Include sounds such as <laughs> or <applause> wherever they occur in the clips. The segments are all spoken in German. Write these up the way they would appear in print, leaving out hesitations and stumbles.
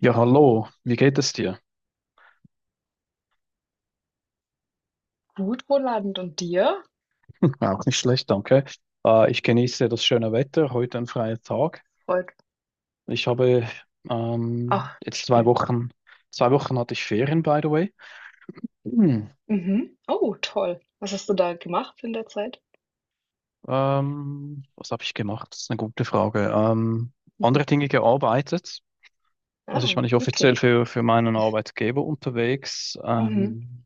Ja, hallo, wie geht es dir? Gut, Roland, und dir? <laughs> Auch nicht schlecht, danke. Ich genieße das schöne Wetter, heute ein freier Tag. Freut. Ich habe Ach, jetzt schön. Zwei Wochen hatte ich Ferien, by the way. Hm, Mhm. Oh, toll. Was hast du da gemacht in der Zeit? Was habe ich gemacht? Das ist eine gute Frage. Andere Dinge gearbeitet. Also ich Ah, war nicht offiziell okay. für meinen Arbeitgeber unterwegs. Mhm.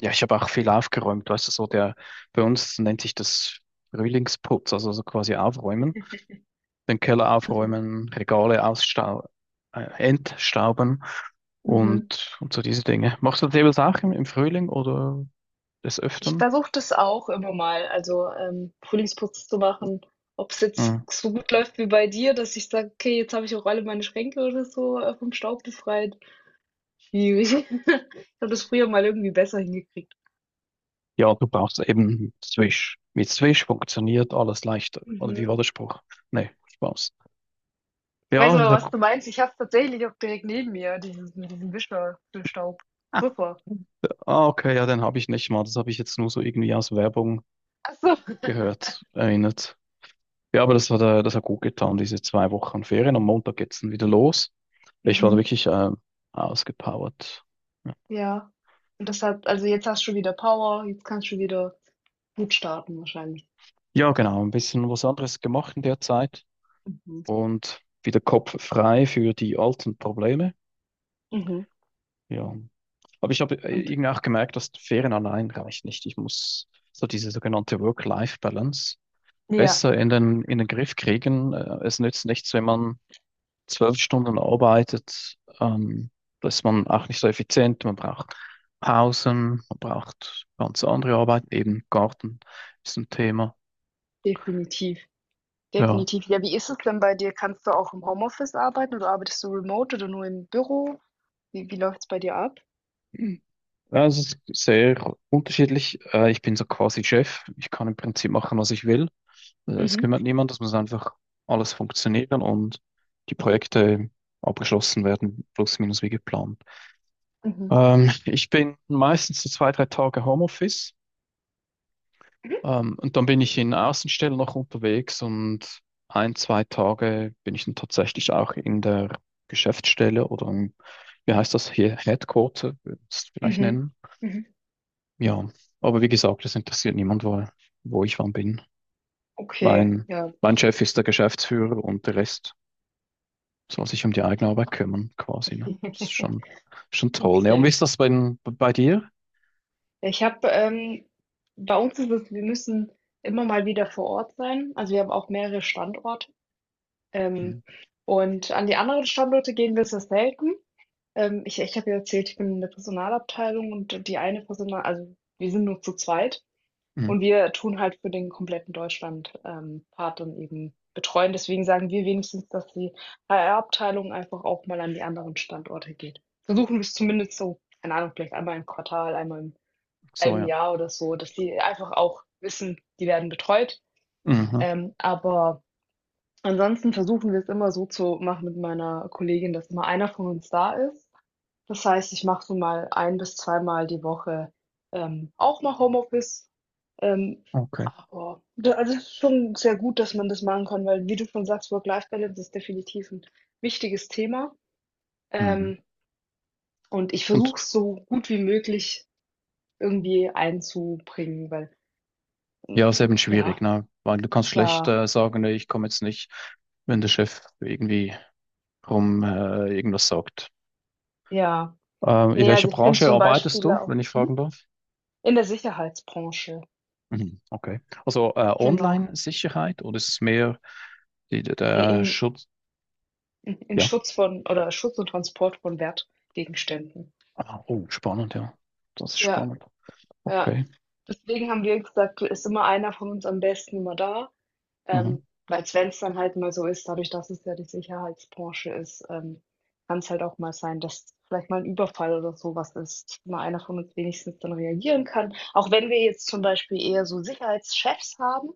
Ja, ich habe auch viel aufgeräumt, weißt du, so der, bei uns nennt sich das Frühlingsputz, also so quasi aufräumen. <laughs> Den Keller Mhm. aufräumen, Regale ausstau entstauben Mhm. und so diese Dinge. Machst du das jeweils auch im Frühling oder des Ich Öfteren? versuche das auch immer mal, also Frühlingsputz zu machen. Ob es jetzt Hm. so gut läuft wie bei dir, dass ich sage, okay, jetzt habe ich auch alle meine Schränke oder so vom Staub befreit. Schwierig. <laughs> Ich habe das früher mal irgendwie besser hingekriegt. Ja, du brauchst eben Swish. Mit Swish funktioniert alles leichter. Oder wie Mhm. war der Spruch? Nee, Spaß. Ich weiß Ja, aber, da, was du meinst. Ich habe es tatsächlich auch direkt neben mir, dieses, mit diesem Wischer für Staub. Super. ah, okay, ja, den habe ich nicht mal. Das habe ich jetzt nur so irgendwie aus Werbung Ach so. <laughs> gehört, erinnert. Ja, aber das hat gut getan, diese zwei Wochen Ferien. Am Montag geht's dann wieder los. Ich war da Mhm. wirklich ausgepowert. Ja, Ja. Und das hat, also jetzt hast du wieder Power, jetzt kannst du wieder gut starten wahrscheinlich. ja, genau, ein bisschen was anderes gemacht in der Zeit Mhm. und wieder Kopf frei für die alten Probleme. Mhm. Ja. Aber ich habe Und irgendwie auch gemerkt, dass Ferien allein reicht nicht. Ich muss so diese sogenannte Work-Life-Balance ja. besser in den Griff kriegen. Es nützt nichts, wenn man zwölf Stunden arbeitet, da ist man auch nicht so effizient. Man braucht Pausen, man braucht ganz andere Arbeiten, eben Garten ist ein Thema. Definitiv, Ja, definitiv. Ja, wie ist es denn bei dir? Kannst du auch im Homeoffice arbeiten oder arbeitest du remote oder nur im Büro? Wie läuft's bei dir ab? ja, es ist sehr unterschiedlich. Ich bin so quasi Chef. Ich kann im Prinzip machen, was ich will. Es Mhm. kümmert niemand, es muss einfach alles funktionieren und die Projekte abgeschlossen werden, plus minus wie geplant. Mhm. Ich bin meistens so zwei, drei Tage Homeoffice. Und dann bin ich in Außenstelle noch unterwegs und ein, zwei Tage bin ich dann tatsächlich auch in der Geschäftsstelle oder im, wie heißt das hier, Headquarter, würde ich es vielleicht Mhm. nennen. Mhm. Ja, aber wie gesagt, das interessiert niemand, wo, wo ich wann bin. Okay, Mein, ja. mein Chef ist der Geschäftsführer und der Rest soll sich um die eigene Arbeit kümmern, quasi. Ne? Das ist <laughs> schon toll. Ne? Und wie Okay. ist das bei dir? Ja, ich habe, bei uns ist es, wir müssen immer mal wieder vor Ort sein. Also, wir haben auch mehrere Standorte. Ähm, Mhm. und an die anderen Standorte gehen wir sehr selten. Ich habe ja erzählt, ich bin in der Personalabteilung und die eine Personal, also wir sind nur zu zweit Mhm. und wir tun halt für den kompletten Deutschland Part dann eben betreuen. Deswegen sagen wir wenigstens, dass die HR-Abteilung einfach auch mal an die anderen Standorte geht. Versuchen wir es zumindest so, keine Ahnung, vielleicht einmal im Quartal, einmal im So, halben ja. Jahr oder so, dass die einfach auch wissen, die werden betreut. Mhm. Aber ansonsten versuchen wir es immer so zu machen mit meiner Kollegin, dass immer einer von uns da ist. Das heißt, ich mache so mal ein bis zweimal die Woche, auch mal Homeoffice. Ähm, Okay. aber da, also, es ist schon sehr gut, dass man das machen kann, weil wie du schon sagst, Work-Life-Balance ist definitiv ein wichtiges Thema. Mhm. Ähm, und ich Und versuche es so gut wie möglich irgendwie einzubringen, weil ähm, ja, ist eben ja, schwierig, ne? Weil du kannst schlecht ja, sagen, nee, ich komme jetzt nicht, wenn der Chef irgendwie rum irgendwas sagt. ja. In Nee, welcher also ich finde Branche zum arbeitest Beispiel du, auch wenn ich fragen darf? in der Sicherheitsbranche. Mhm, okay. Also Genau. Online-Sicherheit oder ist es mehr die, der, I der Schutz? in Ja. Schutz von oder Schutz und Transport von Wertgegenständen. Ah, oh, spannend, ja. Das ist Ja, spannend. ja. Okay. Deswegen haben wir gesagt, ist immer einer von uns am besten immer da, ähm, Mhm. weil wenn es dann halt mal so ist, dadurch, dass es ja die Sicherheitsbranche ist, kann es halt auch mal sein, dass vielleicht mal ein Überfall oder sowas ist, mal einer von uns wenigstens dann reagieren kann. Auch wenn wir jetzt zum Beispiel eher so Sicherheitschefs haben,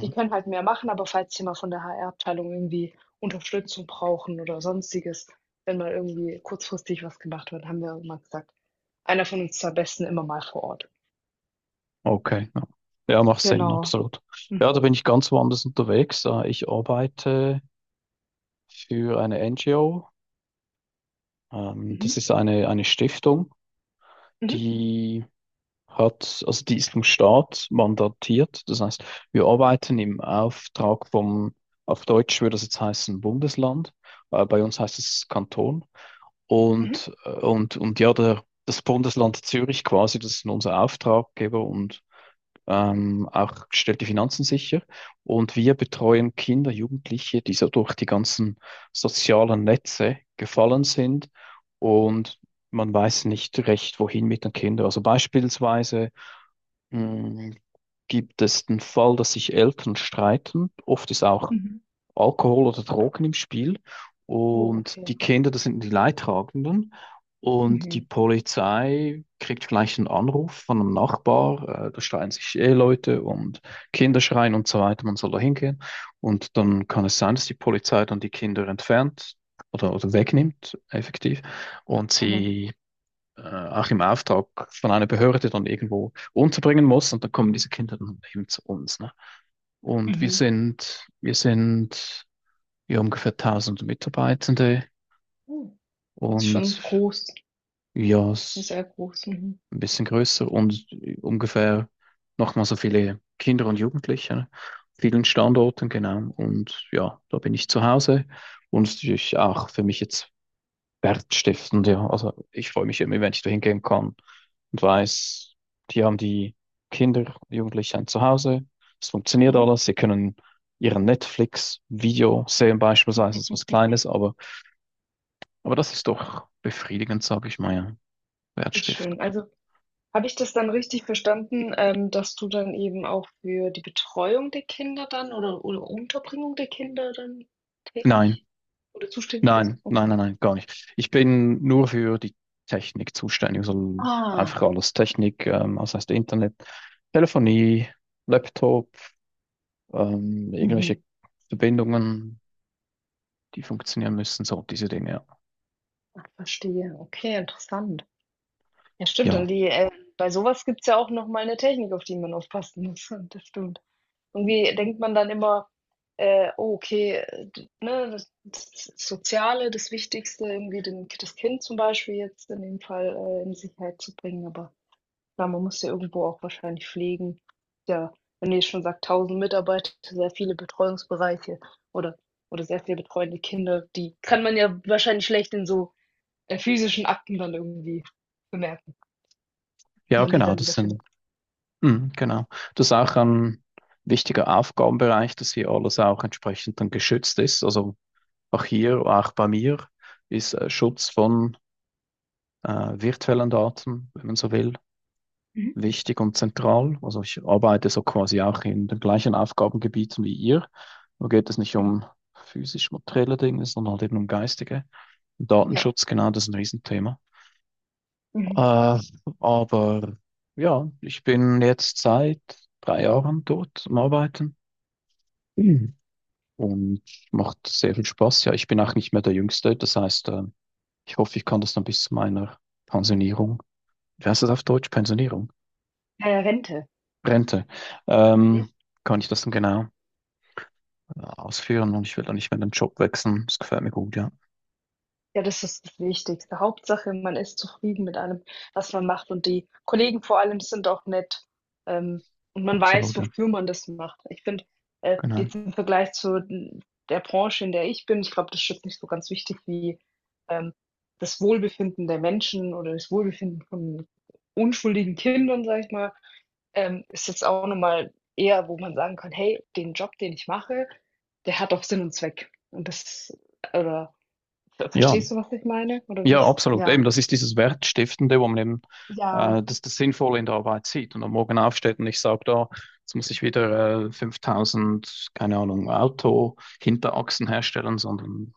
die können halt mehr machen, aber falls sie mal von der HR-Abteilung irgendwie Unterstützung brauchen oder Sonstiges, wenn mal irgendwie kurzfristig was gemacht wird, haben wir immer gesagt, einer von uns zwei Besten immer mal vor Ort. Okay. Ja. Ja, macht Sinn, Genau. absolut. Mhm. Ja, da bin ich ganz woanders unterwegs. Ich arbeite für eine NGO. Mhm. Das ist eine Stiftung, Mhm. die hat, also die ist vom Staat mandatiert. Das heißt, wir arbeiten im Auftrag vom, auf Deutsch würde das jetzt heißen Bundesland, bei uns heißt es Kanton. Mhm. Und, und ja, der, das Bundesland Zürich quasi, das ist unser Auftraggeber und auch stellt die Finanzen sicher. Und wir betreuen Kinder, Jugendliche, die so durch die ganzen sozialen Netze gefallen sind und man weiß nicht recht, wohin mit den Kindern. Also beispielsweise mh, gibt es den Fall, dass sich Eltern streiten. Oft ist auch Mhm. Alkohol oder Drogen im Spiel. Oh, Und okay. die Kinder, das sind die Leidtragenden. Und die Mhm. Polizei kriegt vielleicht einen Anruf von einem Nachbar, da schreien sich Eheleute und Kinder schreien und so weiter, man soll da hingehen. Und dann kann es sein, dass die Polizei dann die Kinder entfernt oder wegnimmt, effektiv, und Mhm. sie auch im Auftrag von einer Behörde dann irgendwo unterbringen muss. Und dann kommen diese Kinder dann eben zu uns. Ne? Und wir Mhm. sind, wir sind ja ungefähr tausend Mitarbeitende Oh. Das ist schon und groß, ja, s- sehr groß. Mhm. ein bisschen größer und ungefähr nochmal so viele Kinder und Jugendliche, an vielen Standorten, genau. Und ja, da bin ich zu Hause und natürlich auch für mich jetzt wertstiftend, ja. Also ich freue mich immer, wenn ich da hingehen kann und weiß, die haben die Kinder, Jugendliche ein Zuhause, es funktioniert Mhm. alles, sie können ihren Netflix-Video sehen beispielsweise, das ist was <laughs> Kleines, aber das ist doch befriedigend, sage ich mal, ja. Das ist Wertstiftung. schön. Also, habe ich das dann richtig verstanden, dass du dann eben auch für die Betreuung der Kinder dann oder Unterbringung der Kinder dann Nein, tätig oder zuständig bist? nein, Okay. nein, nein, nein, gar nicht. Ich bin nur für die Technik zuständig, also einfach Ah, alles Technik, das heißt Internet, Telefonie, Laptop, mhm. irgendwelche Verbindungen, die funktionieren müssen, so diese Dinge. Ja, Ach, verstehe. Okay, interessant. Ja, stimmt. ja, Und die, bei sowas gibt es ja auch nochmal eine Technik, auf die man aufpassen muss. <laughs> Das stimmt. Irgendwie denkt man dann immer, oh, okay, ne, das, das Soziale, das Wichtigste, irgendwie den, das Kind zum Beispiel jetzt in dem Fall, in Sicherheit zu bringen, aber klar, man muss ja irgendwo auch wahrscheinlich pflegen. Ja, wenn ihr schon sagt, 1.000 Mitarbeiter, sehr viele Betreuungsbereiche oder sehr viele betreuende Kinder, die kann man ja wahrscheinlich schlecht in so, physischen Akten dann irgendwie bemerken, ja, wenn man die genau, dann das wiederfindet. sind, mm, genau. Das ist auch ein wichtiger Aufgabenbereich, dass hier alles auch entsprechend dann geschützt ist. Also auch hier, auch bei mir, ist Schutz von äh, virtuellen Daten, wenn man so will, Mhm, wichtig und zentral. Also ich arbeite so quasi auch in den gleichen Aufgabengebieten wie ihr. Da geht es nicht mhm. um physisch materielle Dinge, sondern halt eben um geistige. Ja. Datenschutz, genau, das ist ein Riesenthema. Mhm, Äh, aber ja, ich bin jetzt seit drei Jahren dort am Arbeiten. mhm, Mhm. Und macht sehr viel Spaß. Ja, ich bin auch nicht mehr der Jüngste. Das heißt, ich hoffe, ich kann das dann bis zu meiner mhm. Pensionierung, wie heißt das auf Deutsch? Pensionierung? Rente. Rente. Mhm. Ähm, Kann ich das dann genau ausführen und ich will dann nicht mehr den Job wechseln. Das gefällt mir gut, ja. Ja, das ist das Wichtigste. Hauptsache, man ist zufrieden mit allem, was man macht und die Kollegen vor allem sind auch nett, ähm, und man weiß, Absolut, ja. wofür man das macht. Ich finde, Genau. jetzt im Vergleich zu n der Branche, in der ich bin, ich glaube, das ist jetzt nicht so ganz wichtig wie, ähm, das Wohlbefinden der Menschen oder das Wohlbefinden von unschuldigen Kindern, sage ich mal, ist jetzt auch noch mal eher, wo man sagen kann: „Hey, den Job, den ich mache, der hat auch Sinn und Zweck.“ Und das, oder Ver Ja, verstehst du, was ich meine? Oder wie ja, ich, absolut. Eben, ja, das ist dieses Wertstiftende, wo man eben ja, das, das Sinnvolle in der Arbeit sieht und am Morgen aufsteht und ich sage da, jetzt muss ich wieder 5000, keine Ahnung, Auto-Hinterachsen herstellen, sondern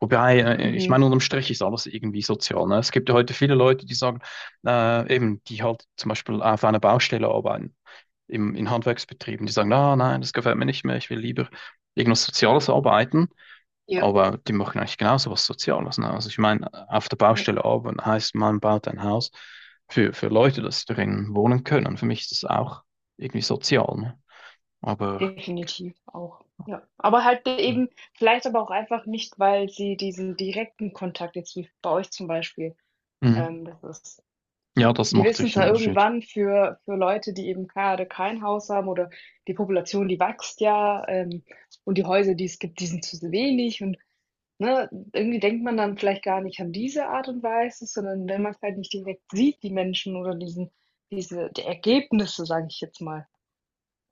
wobei, ich mhm. meine, unterm Strich ist alles irgendwie sozial. Ne? Es gibt ja heute viele Leute, die sagen, eben, die halt zum Beispiel auf einer Baustelle arbeiten, im, in Handwerksbetrieben, die sagen, ah, nein, das gefällt mir nicht mehr, ich will lieber irgendwas Soziales arbeiten. Ja. Aber die machen eigentlich genauso was Soziales. Ne? Also ich meine, auf der Ja, Baustelle arbeiten heißt, man baut ein Haus für Leute, dass sie darin wohnen können. Für mich ist das auch irgendwie sozial. Ne? Aber definitiv auch. Ja, aber halt eben vielleicht aber auch einfach nicht, weil sie diesen direkten Kontakt jetzt wie bei euch zum Beispiel, mhm, das ist, ja, das die macht wissen sicher einen zwar Unterschied. irgendwann für Leute, die eben gerade kein Haus haben oder die Population, die wächst ja, und die Häuser, die es gibt, die sind zu wenig und ne, irgendwie denkt man dann vielleicht gar nicht an diese Art und Weise, sondern wenn man's halt nicht direkt sieht, die Menschen oder diesen, diese, die Ergebnisse, sage ich jetzt mal,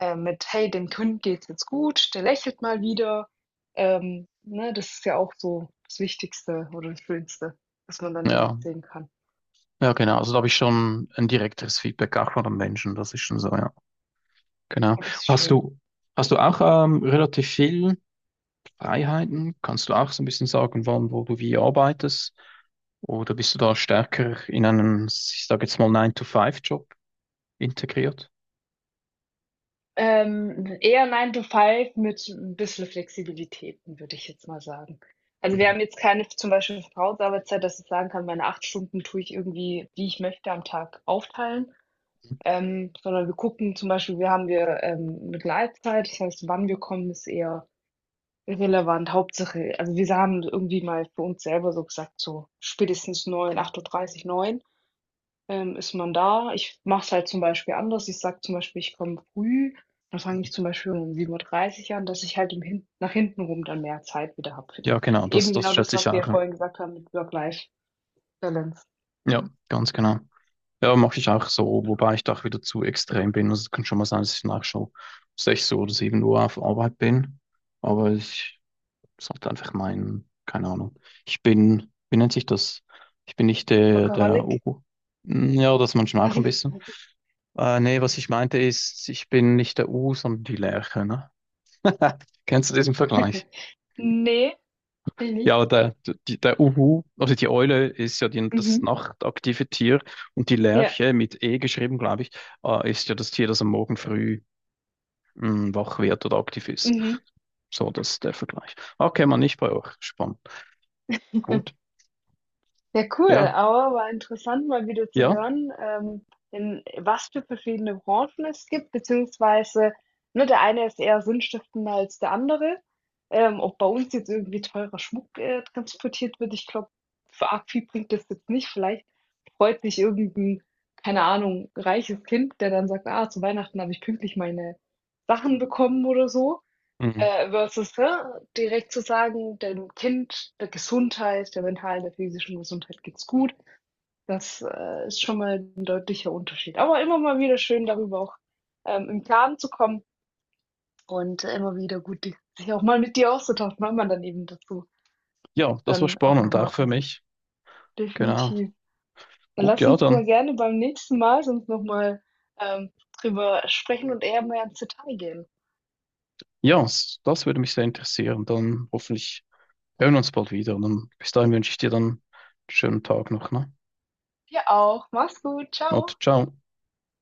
mit: „Hey, dem Kind geht's jetzt gut, der lächelt mal wieder.“ Ne, das ist ja auch so das Wichtigste oder das Schönste, was man dann Ja, direkt sehen kann. ja, genau. Also da habe ich schon ein direkteres Feedback auch von den Menschen. Das ist schon so, ja. Genau. Oh, das ist Hast schön. du, hast du auch relativ viel Freiheiten? Kannst du auch so ein bisschen sagen, wann, wo du wie arbeitest? Oder bist du da stärker in einen, ich sage jetzt mal Nine to Five job integriert? Eher 9 to 5 mit 'n bisschen Flexibilitäten, würde ich jetzt mal sagen. Also, wir Mhm. haben jetzt keine zum Beispiel Vertrauensarbeitszeit, dass ich sagen kann, meine 8 Stunden tue ich irgendwie, wie ich möchte, am Tag aufteilen, sondern wir gucken zum Beispiel, wir haben 'ne Gleitzeit, das heißt, wann wir kommen, ist eher irrelevant. Hauptsache, also, wir haben irgendwie mal für uns selber so gesagt, so spätestens neun, 8:30 Uhr, neun. Ist man da, ich mache es halt zum Beispiel anders. Ich sage zum Beispiel, ich komme früh, dann fange ich zum Beispiel um 7:30 an, dass ich halt im, hin nach hinten rum, dann mehr Zeit wieder habe für Ja, die. genau, das, Eben das genau das, schätze ich was wir auch. ja Ja, vorhin gesagt haben mit Work-Life-Balance. ja, ganz genau. Ja, mache ich auch so, wobei ich da auch wieder zu extrem bin. Also es kann schon mal sein, dass ich nach schon 6 oder 7 Uhr auf Arbeit bin. Aber ich sollte einfach meinen, keine Ahnung. Ich bin, wie nennt sich das? Ich bin nicht der Workaholic? Ober. Ja, das manchmal auch Also, ein bisschen. Nee, was ich meinte ist, ich bin nicht der Uhu, sondern die Lerche, ne? <laughs> Kennst du diesen Vergleich? <laughs> ne, bin ich Ja, nicht. aber der Uhu, also die Eule ist ja die, das Mhm. nachtaktive Tier und die Ja, Lerche mit E geschrieben, glaube ich, ist ja das Tier, das am Morgen früh wach wird oder aktiv ist. mhm. So, das ist der Vergleich. Okay, man nicht bei euch. Spannend. <laughs> Gut. Ja, cool, Ja, aber war interessant, mal wieder zu ja. hören, in was für verschiedene Branchen es gibt, beziehungsweise, ne, der eine ist eher sinnstiftender als der andere. Ob bei uns jetzt irgendwie teurer Schmuck, transportiert wird, ich glaube, für arg viel bringt das jetzt nicht. Vielleicht freut sich irgend 'n, keine Ahnung, reiches Kind, der dann sagt: „Ah, zu Weihnachten habe ich pünktlich meine Sachen bekommen“ oder so. Mhm. Versus, ne, direkt zu sagen, dem Kind, der Gesundheit, der mentalen, der physischen Gesundheit geht's gut. Das, ist schon mal ein deutlicher Unterschied. Aber immer mal wieder schön, darüber auch, im Klaren zu kommen und immer wieder gut, die sich auch mal mit dir auszutauschen, weil man dann eben dazu Ja, das war dann auch spannend, noch mal auch für kommt. mich. Genau. Definitiv. Dann Gut, lass ja, uns mal dann. gerne beim nächsten Mal sonst noch mal, ähm, drüber sprechen und eher mehr ins Detail gehen. Ja, s- das würde mich sehr interessieren. Dann hoffentlich hören uns bald wieder. Und dann, bis Ja, dahin wünsche ich dir dann einen schönen Tag noch. Ne? dir auch. Mach's gut. Gott, Ciao. ciao.